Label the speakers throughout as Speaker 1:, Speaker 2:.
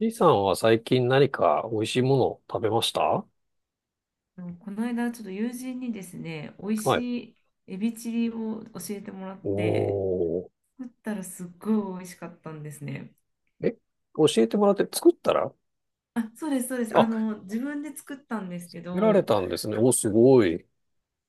Speaker 1: B さんは最近何か美味しいものを食べました
Speaker 2: この間、ちょっと友人にですね、美味
Speaker 1: はい。
Speaker 2: しいエビチリを教えてもらって、
Speaker 1: おー。
Speaker 2: 作ったらすっごい美味しかったんですね。
Speaker 1: え、教えてもらって作ったら。
Speaker 2: あ、そうです、そうです。
Speaker 1: あ、
Speaker 2: 自分で作ったんですけ
Speaker 1: 見られ
Speaker 2: ど、
Speaker 1: たんですね。お、すごい。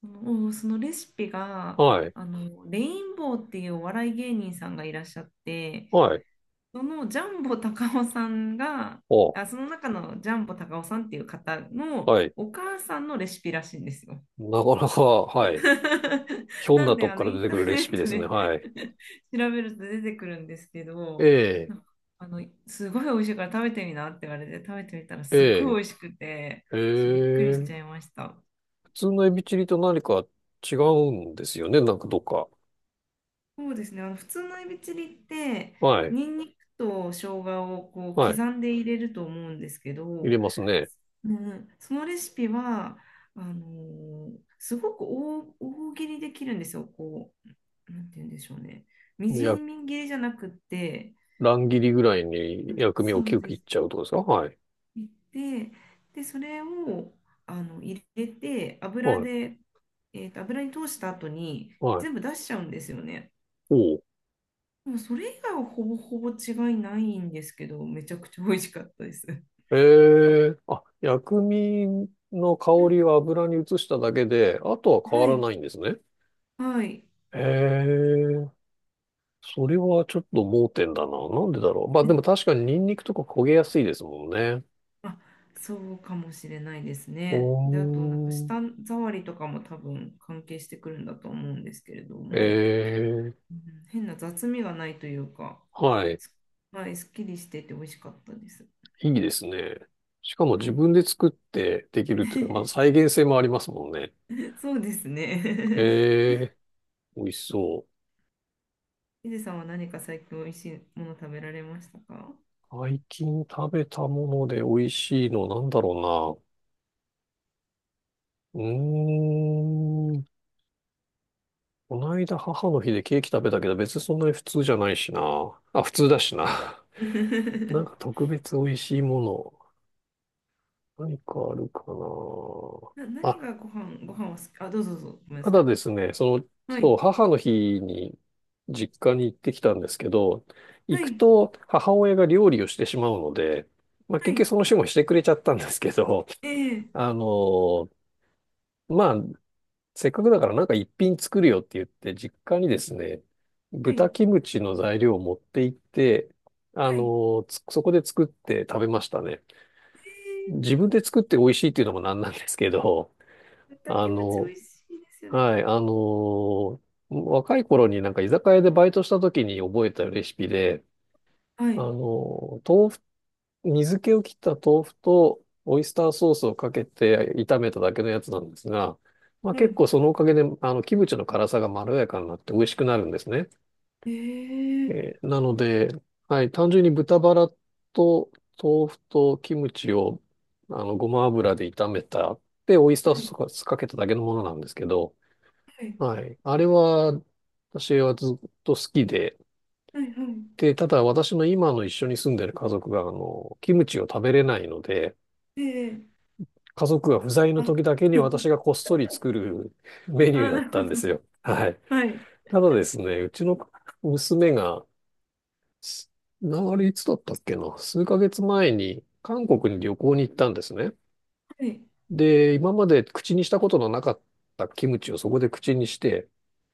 Speaker 2: そのレシピが、
Speaker 1: はい。
Speaker 2: レインボーっていうお笑い芸人さんがいらっしゃって、
Speaker 1: はい。
Speaker 2: そのジャンボ高尾さんが、
Speaker 1: お、
Speaker 2: あ、その中のジャンボ高尾さんっていう方の
Speaker 1: はい。
Speaker 2: お母さんのレシピらしいんですよ。
Speaker 1: なかなか、はい。ひょん
Speaker 2: な
Speaker 1: な
Speaker 2: んで
Speaker 1: とこから
Speaker 2: イ
Speaker 1: 出
Speaker 2: ン
Speaker 1: て
Speaker 2: タ
Speaker 1: く
Speaker 2: ー
Speaker 1: るレ
Speaker 2: ネ
Speaker 1: シピ
Speaker 2: ッ
Speaker 1: で
Speaker 2: ト
Speaker 1: すね。
Speaker 2: で
Speaker 1: はい。
Speaker 2: 調べると出てくるんですけ
Speaker 1: え
Speaker 2: ど、
Speaker 1: え、
Speaker 2: なんかすごい美味しいから食べてみなって言われて食べてみたらすっごい
Speaker 1: え
Speaker 2: 美味しくて、
Speaker 1: え、え
Speaker 2: ちょっとびっくりしちゃい
Speaker 1: え。
Speaker 2: ました。
Speaker 1: 普通のエビチリと何か違うんですよね。なんかどっか。
Speaker 2: そうですね、普通のエビチリって
Speaker 1: はい。
Speaker 2: ニンニクと生姜をこう
Speaker 1: はい。
Speaker 2: 刻んで入れると思うんですけ
Speaker 1: 入れ
Speaker 2: ど、
Speaker 1: ますね。
Speaker 2: うん、そのレシピはあのーすごく大切りできるんですよ。こうなんて言うんでしょうね。みじ
Speaker 1: や、
Speaker 2: ん切りじゃなくって、
Speaker 1: 乱切りぐらいに薬味
Speaker 2: そ
Speaker 1: をキ
Speaker 2: う
Speaker 1: ュッ切
Speaker 2: で
Speaker 1: っち
Speaker 2: す。
Speaker 1: ゃうとかですか？はい。
Speaker 2: 切って、で、それを入れて、油
Speaker 1: はい。
Speaker 2: で、油に通した後に
Speaker 1: は
Speaker 2: 全
Speaker 1: い。
Speaker 2: 部出しちゃうんですよね。
Speaker 1: おう。
Speaker 2: でもそれ以外はほぼほぼ違いないんですけど、めちゃくちゃ美味しかったです。
Speaker 1: ええ。あ、薬味の香
Speaker 2: うん、
Speaker 1: りを油に移しただけで、あとは変わ
Speaker 2: は
Speaker 1: ら
Speaker 2: い、
Speaker 1: ないんですね。
Speaker 2: はい。
Speaker 1: ええ。それはちょっと盲点だな。なんでだろう。まあでも確かにニンニクとか焦げやすいですもんね。
Speaker 2: あ、そうかもしれないです
Speaker 1: お
Speaker 2: ね。で、あと、なんか舌
Speaker 1: ー。
Speaker 2: 触りとかも多分関係してくるんだと思うんですけれども。
Speaker 1: ええ。
Speaker 2: うん、変な雑味がないというか、
Speaker 1: はい。
Speaker 2: すはい、すっきりしてて美味しかったです。
Speaker 1: いいですね。しかも
Speaker 2: は
Speaker 1: 自
Speaker 2: い、
Speaker 1: 分で作ってできるっていうか、まあ再現性もありますもんね。
Speaker 2: そうですね。
Speaker 1: ええ。美味しそう。
Speaker 2: ヒデさんは何か最近美味しいもの食べられましたか？
Speaker 1: 最近食べたもので美味しいのなんだろうな。うーん。この間母の日でケーキ食べたけど別にそんなに普通じゃないしな。あ、普通だしな。なんか 特別美味しいもの。何かあるかな。
Speaker 2: 何
Speaker 1: あ、
Speaker 2: がご飯、は好き、あ、どうぞどうぞ、ごめんな
Speaker 1: た
Speaker 2: さ
Speaker 1: だ
Speaker 2: い。
Speaker 1: ですね、その、
Speaker 2: は
Speaker 1: そう、
Speaker 2: い、
Speaker 1: 母の日に実家に行ってきたんですけど、
Speaker 2: は
Speaker 1: 行く
Speaker 2: い、
Speaker 1: と母親が料理をしてしまうので、まあ結
Speaker 2: は
Speaker 1: 局
Speaker 2: い、
Speaker 1: その日もしてくれちゃったんですけど、
Speaker 2: え え、
Speaker 1: あの、まあせっかくだからなんか一品作るよって言って、実家にですね、
Speaker 2: は
Speaker 1: 豚
Speaker 2: い、
Speaker 1: キムチの材料を持って行って、
Speaker 2: はい、
Speaker 1: そこで作って食べましたね。
Speaker 2: ええ、
Speaker 1: 自分で作って美味しいっていうのもなんなんですけど、
Speaker 2: 豚
Speaker 1: あ
Speaker 2: キムチ美
Speaker 1: の、
Speaker 2: 味しいですよね。
Speaker 1: はい、若い頃になんか居酒屋でバイトした時に覚えたレシピで、
Speaker 2: は
Speaker 1: あ
Speaker 2: い、
Speaker 1: の、豆腐水気を切った豆腐とオイスターソースをかけて炒めただけのやつなんですが、まあ、
Speaker 2: は
Speaker 1: 結
Speaker 2: い、
Speaker 1: 構そのおかげで、キムチの辛さがまろやかになって美味しくなるんですね。
Speaker 2: ええ、
Speaker 1: なので、はい、単純に豚バラと豆腐とキムチを、ごま油で炒めた、で、オイスター
Speaker 2: はい、
Speaker 1: ソースかけただけのものなんですけど、
Speaker 2: はい、
Speaker 1: はい、あれは、私はずっと好きで、
Speaker 2: はい、はい、
Speaker 1: で、ただ私の今の一緒に住んでる家族が、キムチを食べれないので、
Speaker 2: ええ、
Speaker 1: 家族が不在の
Speaker 2: あ、
Speaker 1: 時だけに私 がこっそり作るメニュー
Speaker 2: あ、
Speaker 1: だ
Speaker 2: な
Speaker 1: っ
Speaker 2: る
Speaker 1: た
Speaker 2: ほ
Speaker 1: ん
Speaker 2: ど。
Speaker 1: ですよ。はい。
Speaker 2: はい、
Speaker 1: ただですね、うちの娘が、すあれいつだったっけな、数ヶ月前に韓国に旅行に行ったんですね。
Speaker 2: はい。
Speaker 1: で、今まで口にしたことのなかったキムチをそこで口にして、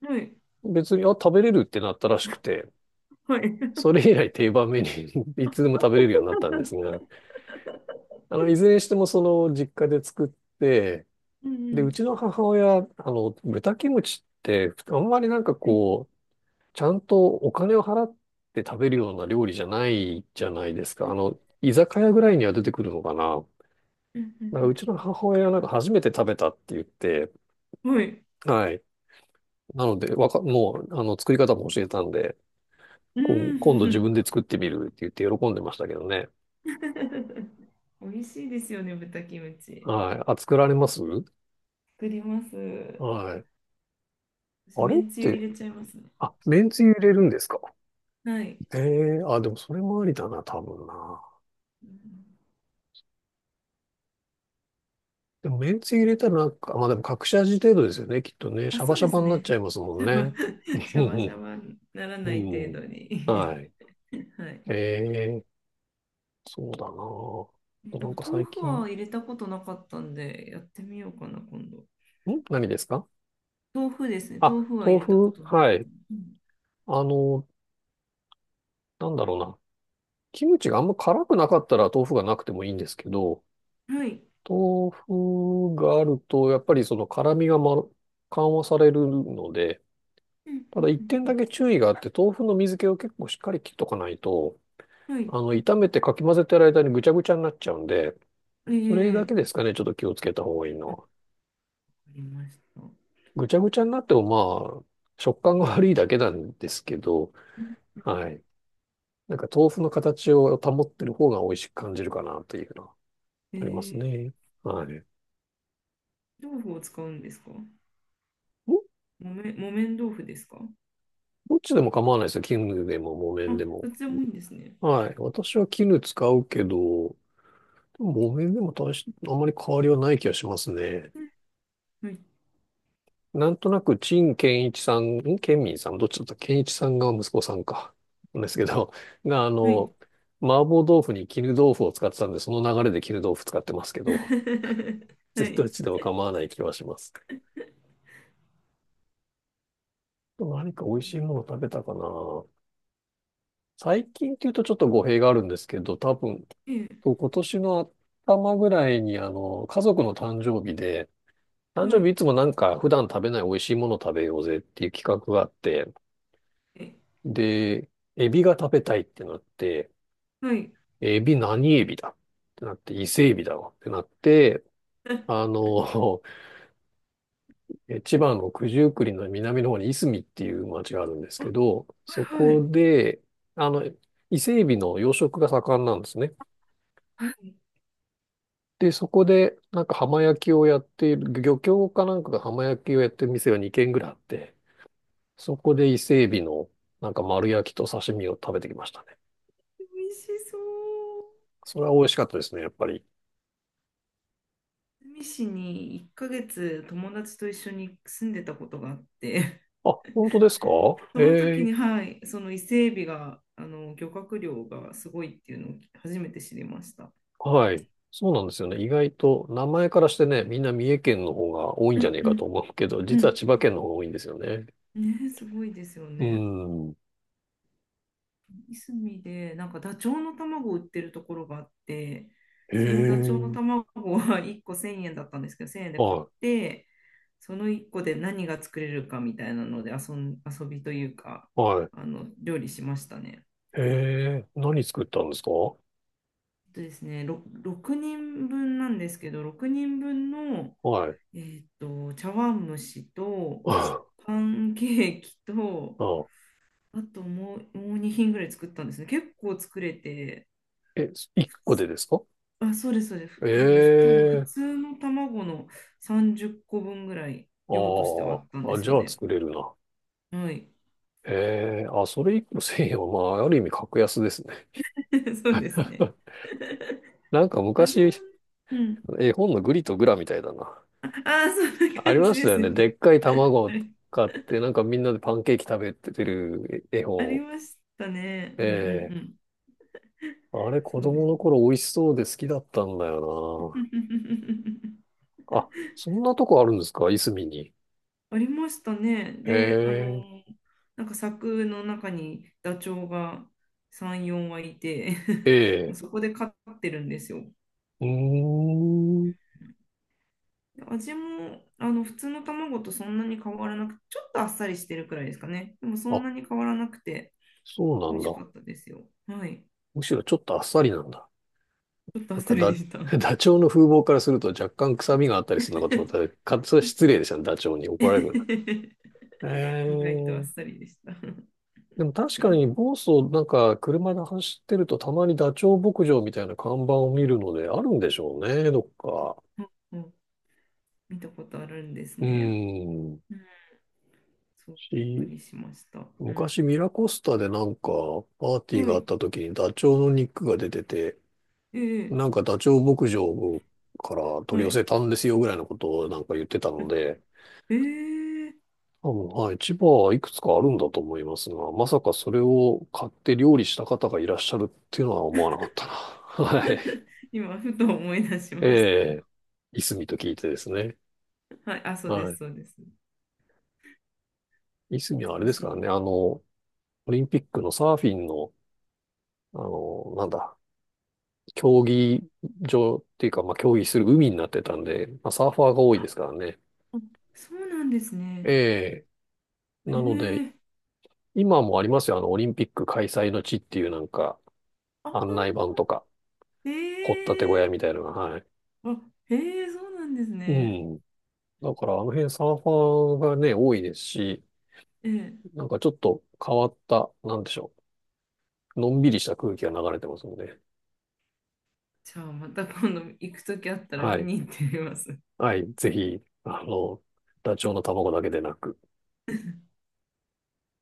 Speaker 2: はい。
Speaker 1: 別に、あ、食べれるってなったらしくて、
Speaker 2: はい。
Speaker 1: それ以来定番メニューに いつでも食べれるようになったんです が、いずれにしてもその実家で作って、
Speaker 2: うんう
Speaker 1: で、うち
Speaker 2: ん。
Speaker 1: の母親、豚キムチって、あんまりなんか
Speaker 2: はい。
Speaker 1: こう、ちゃんとお金を払って食べるような料理じゃないじゃないですか。居酒屋ぐらいには出てくるのかな。
Speaker 2: うんう
Speaker 1: だからう
Speaker 2: ん
Speaker 1: ちの母親はなんか初めて食べたって言って、
Speaker 2: うん、はい。
Speaker 1: はい。なので、もう、作り方も教えたんで、
Speaker 2: う
Speaker 1: 今度自分
Speaker 2: ん。
Speaker 1: で作ってみるって言って喜んでましたけどね。
Speaker 2: 美味しいですよね、豚キムチ。
Speaker 1: はい。あ、作られます？
Speaker 2: 作ります。
Speaker 1: はい。
Speaker 2: 私、
Speaker 1: あ
Speaker 2: め
Speaker 1: れっ
Speaker 2: んつゆ入
Speaker 1: て、
Speaker 2: れちゃいますね。
Speaker 1: あ、めんつゆ入れるんですか？
Speaker 2: はい。
Speaker 1: ええー。あ、でもそれもありだな、多分な。
Speaker 2: うん、
Speaker 1: でも、めんつゆ入れたらなんか、まあでも隠し味程度ですよね、きっとね。シ
Speaker 2: あ、
Speaker 1: ャバ
Speaker 2: そう
Speaker 1: シャ
Speaker 2: で
Speaker 1: バ
Speaker 2: す
Speaker 1: になっ
Speaker 2: ね。
Speaker 1: ちゃいますもん
Speaker 2: シャバ、
Speaker 1: ね。
Speaker 2: シ
Speaker 1: う
Speaker 2: ャバシャ
Speaker 1: ん
Speaker 2: バになら
Speaker 1: う
Speaker 2: ない
Speaker 1: ん。う
Speaker 2: 程
Speaker 1: ん。
Speaker 2: 度に。
Speaker 1: はい。
Speaker 2: はい。
Speaker 1: ええ、そうだな
Speaker 2: で
Speaker 1: あ。な
Speaker 2: も、
Speaker 1: んか
Speaker 2: 豆
Speaker 1: 最
Speaker 2: 腐
Speaker 1: 近、ん。
Speaker 2: は入れたことなかったんで、やってみようかな、今度。
Speaker 1: 何ですか？
Speaker 2: 豆腐ですね。
Speaker 1: あ、
Speaker 2: 豆腐は
Speaker 1: 豆
Speaker 2: 入れたこ
Speaker 1: 腐。
Speaker 2: となかった。
Speaker 1: はい。
Speaker 2: うん、
Speaker 1: あの、なんだろうな。キムチがあんま辛くなかったら豆腐がなくてもいいんですけど、
Speaker 2: はい。
Speaker 1: 豆腐があると、やっぱりその辛みが、緩和されるので、
Speaker 2: うん
Speaker 1: た
Speaker 2: う
Speaker 1: だ一
Speaker 2: ん
Speaker 1: 点
Speaker 2: う
Speaker 1: だ
Speaker 2: ん
Speaker 1: け注意があって、豆腐の水気を結構しっかり切っとかないと、
Speaker 2: うん、はい。
Speaker 1: 炒めてかき混ぜてる間にぐちゃぐちゃになっちゃうんで、それだ
Speaker 2: ええ、
Speaker 1: けですかね、ちょっと気をつけた方がいいの
Speaker 2: あ、わか
Speaker 1: は。
Speaker 2: りました。
Speaker 1: ぐちゃぐちゃになってもまあ、食感が悪いだけなんですけど、はい。なんか豆腐の形を保ってる方が美味しく感じるかなというのはあります
Speaker 2: ええ、
Speaker 1: ね。はい。
Speaker 2: 豆腐を使うんですか？
Speaker 1: ど、
Speaker 2: 木綿豆腐ですか？
Speaker 1: どっちでも構わないですよ。絹でも木
Speaker 2: あ、
Speaker 1: 綿でも。
Speaker 2: どっちでもいいんですね。
Speaker 1: はい。私は絹使うけど、木綿でも、あんまり変わりはない気がしますね。
Speaker 2: はい。
Speaker 1: なんとなく、陳建一さん、建民さん、どっちだった健一さんが息子さんか。なんですけど、が、
Speaker 2: はい。
Speaker 1: 麻婆豆腐に絹豆腐を使ってたんで、その流れで絹豆腐使ってますけど、
Speaker 2: は
Speaker 1: 全然どっ
Speaker 2: い。
Speaker 1: ちでも構わない気はします。何か美味しいもの食べたかな。最近っていうとちょっと語弊があるんですけど、多分、
Speaker 2: ええ、
Speaker 1: 今年の頭ぐらいに、家族の誕生日で、誕
Speaker 2: は
Speaker 1: 生日
Speaker 2: い。
Speaker 1: いつもなんか普段食べない美味しいもの食べようぜっていう企画があって、
Speaker 2: え
Speaker 1: で、エビが食べたいってなって、
Speaker 2: はい。
Speaker 1: エビ何エビだってなって、伊勢エビだわってなって、
Speaker 2: あ、
Speaker 1: あの、千葉の九十九里の南の方にいすみっていう町があるんです
Speaker 2: は
Speaker 1: けど、そ
Speaker 2: いは
Speaker 1: こ
Speaker 2: い。
Speaker 1: で、あの、伊勢エビの養殖が盛んなんですね。で、そこで、なんか浜焼きをやっている、漁協かなんかが浜焼きをやってる店が2軒ぐらいあって、そこで伊勢エビの、なんか丸焼きと刺身を食べてきましたね。
Speaker 2: 美味しそう。
Speaker 1: それは美味しかったですね、やっぱり。
Speaker 2: 住市に1ヶ月友達と一緒に住んでたことがあって、
Speaker 1: あ、本当ですか？
Speaker 2: その時
Speaker 1: え
Speaker 2: に、
Speaker 1: え。
Speaker 2: はい、その伊勢海老が、漁獲量がすごいっていうのを初めて知りました。
Speaker 1: はい。そうなんですよね。意外と、名前からしてね、みんな三重県の方が多いん
Speaker 2: う
Speaker 1: じゃ
Speaker 2: ん
Speaker 1: ねえ
Speaker 2: う
Speaker 1: かと
Speaker 2: ん
Speaker 1: 思うけど、
Speaker 2: う
Speaker 1: 実は
Speaker 2: ん。
Speaker 1: 千葉県の方が多いんですよね。
Speaker 2: ね、すごいですよ
Speaker 1: う
Speaker 2: ね。
Speaker 1: ん。
Speaker 2: いすみで、なんかダチョウの卵を売ってるところがあって、そのダチョウの
Speaker 1: ええ。
Speaker 2: 卵は1個1000円だったんですけど、1000円で買っ
Speaker 1: は
Speaker 2: て、その1個で何が作れるかみたいなので遊びというか、
Speaker 1: い、はい。
Speaker 2: 料理しましたね。
Speaker 1: ええ。何作ったんですか？は
Speaker 2: えっとですね、6人分なんですけど、6人分の、
Speaker 1: い。
Speaker 2: え茶碗蒸しと、
Speaker 1: あ
Speaker 2: パンケーキと、
Speaker 1: あ、
Speaker 2: あともう2品ぐらい作ったんですね。結構作れて、
Speaker 1: え、一個でですか？
Speaker 2: あ、そうです、そうです。なんで、多分普
Speaker 1: ええ。
Speaker 2: 通の卵の30個分ぐらい
Speaker 1: あ
Speaker 2: 量としてはあったん
Speaker 1: あ、
Speaker 2: で
Speaker 1: あ、
Speaker 2: す
Speaker 1: じ
Speaker 2: よ
Speaker 1: ゃあ
Speaker 2: ね。
Speaker 1: 作れるな。
Speaker 2: はい。
Speaker 1: ええ。あ、それ一個1000円は、まあ、ある意味格安ですね。
Speaker 2: そうですね。
Speaker 1: なん か
Speaker 2: 味も
Speaker 1: 昔、
Speaker 2: ね、うん。
Speaker 1: 絵本のグリとグラみたいだな。
Speaker 2: ああー、そんな
Speaker 1: あり
Speaker 2: 感
Speaker 1: ま
Speaker 2: じ
Speaker 1: し
Speaker 2: で
Speaker 1: たよ
Speaker 2: すよ
Speaker 1: ね。
Speaker 2: ね。
Speaker 1: でっかい卵
Speaker 2: あ
Speaker 1: を
Speaker 2: れ、
Speaker 1: 買って、なんかみんなでパンケーキ食べてる絵
Speaker 2: あり
Speaker 1: 本。
Speaker 2: ましたね。うんうん
Speaker 1: ええ。
Speaker 2: うん。
Speaker 1: あれ、子
Speaker 2: そうで
Speaker 1: 供
Speaker 2: す
Speaker 1: の
Speaker 2: ね。
Speaker 1: 頃美味しそうで好きだったんだよ な。あ、そんなとこあるんですか、いすみに。
Speaker 2: ありましたね。で、
Speaker 1: ええ。
Speaker 2: なんか柵の中にダチョウが3、4羽いて もう
Speaker 1: ええ。
Speaker 2: そこで飼ってるんですよ。
Speaker 1: うーん。
Speaker 2: 味も普通の卵とそんなに変わらなく、ちょっとあっさりしてるくらいですかね。でもそん
Speaker 1: あ、
Speaker 2: なに変わらなくて
Speaker 1: そうな
Speaker 2: 美
Speaker 1: ん
Speaker 2: 味し
Speaker 1: だ。
Speaker 2: かったですよ。はい。
Speaker 1: むしろちょっとあっさりなんだ。
Speaker 2: ちょっとあ
Speaker 1: な
Speaker 2: っ
Speaker 1: ん
Speaker 2: さ
Speaker 1: か
Speaker 2: りで
Speaker 1: だ、
Speaker 2: した。
Speaker 1: ダチョウの風貌からすると若干臭みがあったりするのかと思ったら、それは失礼でしたね。ダチョウに怒られるな。え
Speaker 2: 意外とあっ
Speaker 1: え。
Speaker 2: さりでした。うん
Speaker 1: でも確かに、房総なんか車で走ってるとたまにダチョウ牧場みたいな看板を見るのであるんでしょうね、どっか。
Speaker 2: うん、見たことあるんです
Speaker 1: うー
Speaker 2: ね。
Speaker 1: ん。
Speaker 2: うん、そう、びっく
Speaker 1: し、
Speaker 2: りしました。うん、
Speaker 1: 昔ミラコスタでなんかパーティー
Speaker 2: は
Speaker 1: があっ
Speaker 2: い。
Speaker 1: た時にダチョウの肉が出てて、
Speaker 2: ええ、
Speaker 1: なんかダチョウ牧場から取り
Speaker 2: は
Speaker 1: 寄
Speaker 2: い。
Speaker 1: せたんですよぐらいのことをなんか言ってたので、
Speaker 2: ええ
Speaker 1: 多分、はい、千葉はいくつかあるんだと思いますが、まさかそれを買って料理した方がいらっしゃるっていうのは思わなかったな。はい。
Speaker 2: 今、ふと思い出しま
Speaker 1: え
Speaker 2: し
Speaker 1: え、いすみと聞いてですね。
Speaker 2: た。はい。あ、そうです、
Speaker 1: は
Speaker 2: そうです。
Speaker 1: い。いすみはあれ
Speaker 2: 懐か
Speaker 1: です
Speaker 2: し
Speaker 1: か
Speaker 2: い
Speaker 1: ら
Speaker 2: な。
Speaker 1: ね、オリンピックのサーフィンの、なんだ、競技場っていうか、まあ、競技する海になってたんで、まあ、サーファーが多いですからね。
Speaker 2: あ、そうなんですね。
Speaker 1: ええ、なので、
Speaker 2: ええ、
Speaker 1: 今もありますよ、オリンピック開催の地っていうなんか、
Speaker 2: あ、
Speaker 1: 案内板とか、
Speaker 2: え
Speaker 1: 掘ったて小屋み
Speaker 2: え、
Speaker 1: たいなのが、はい。
Speaker 2: あ、ええ、そうなんです
Speaker 1: う
Speaker 2: ね。
Speaker 1: ん。だから、あの辺サーファーがね、多いですし、
Speaker 2: ええ、
Speaker 1: なんかちょっと変わった、なんでしょう。のんびりした空気が流れてますので。
Speaker 2: じゃあまた今度行くときあったら
Speaker 1: は
Speaker 2: 見
Speaker 1: い。
Speaker 2: に行ってみます。
Speaker 1: はい、ぜひ、あの、ダチョウの卵だけでなく、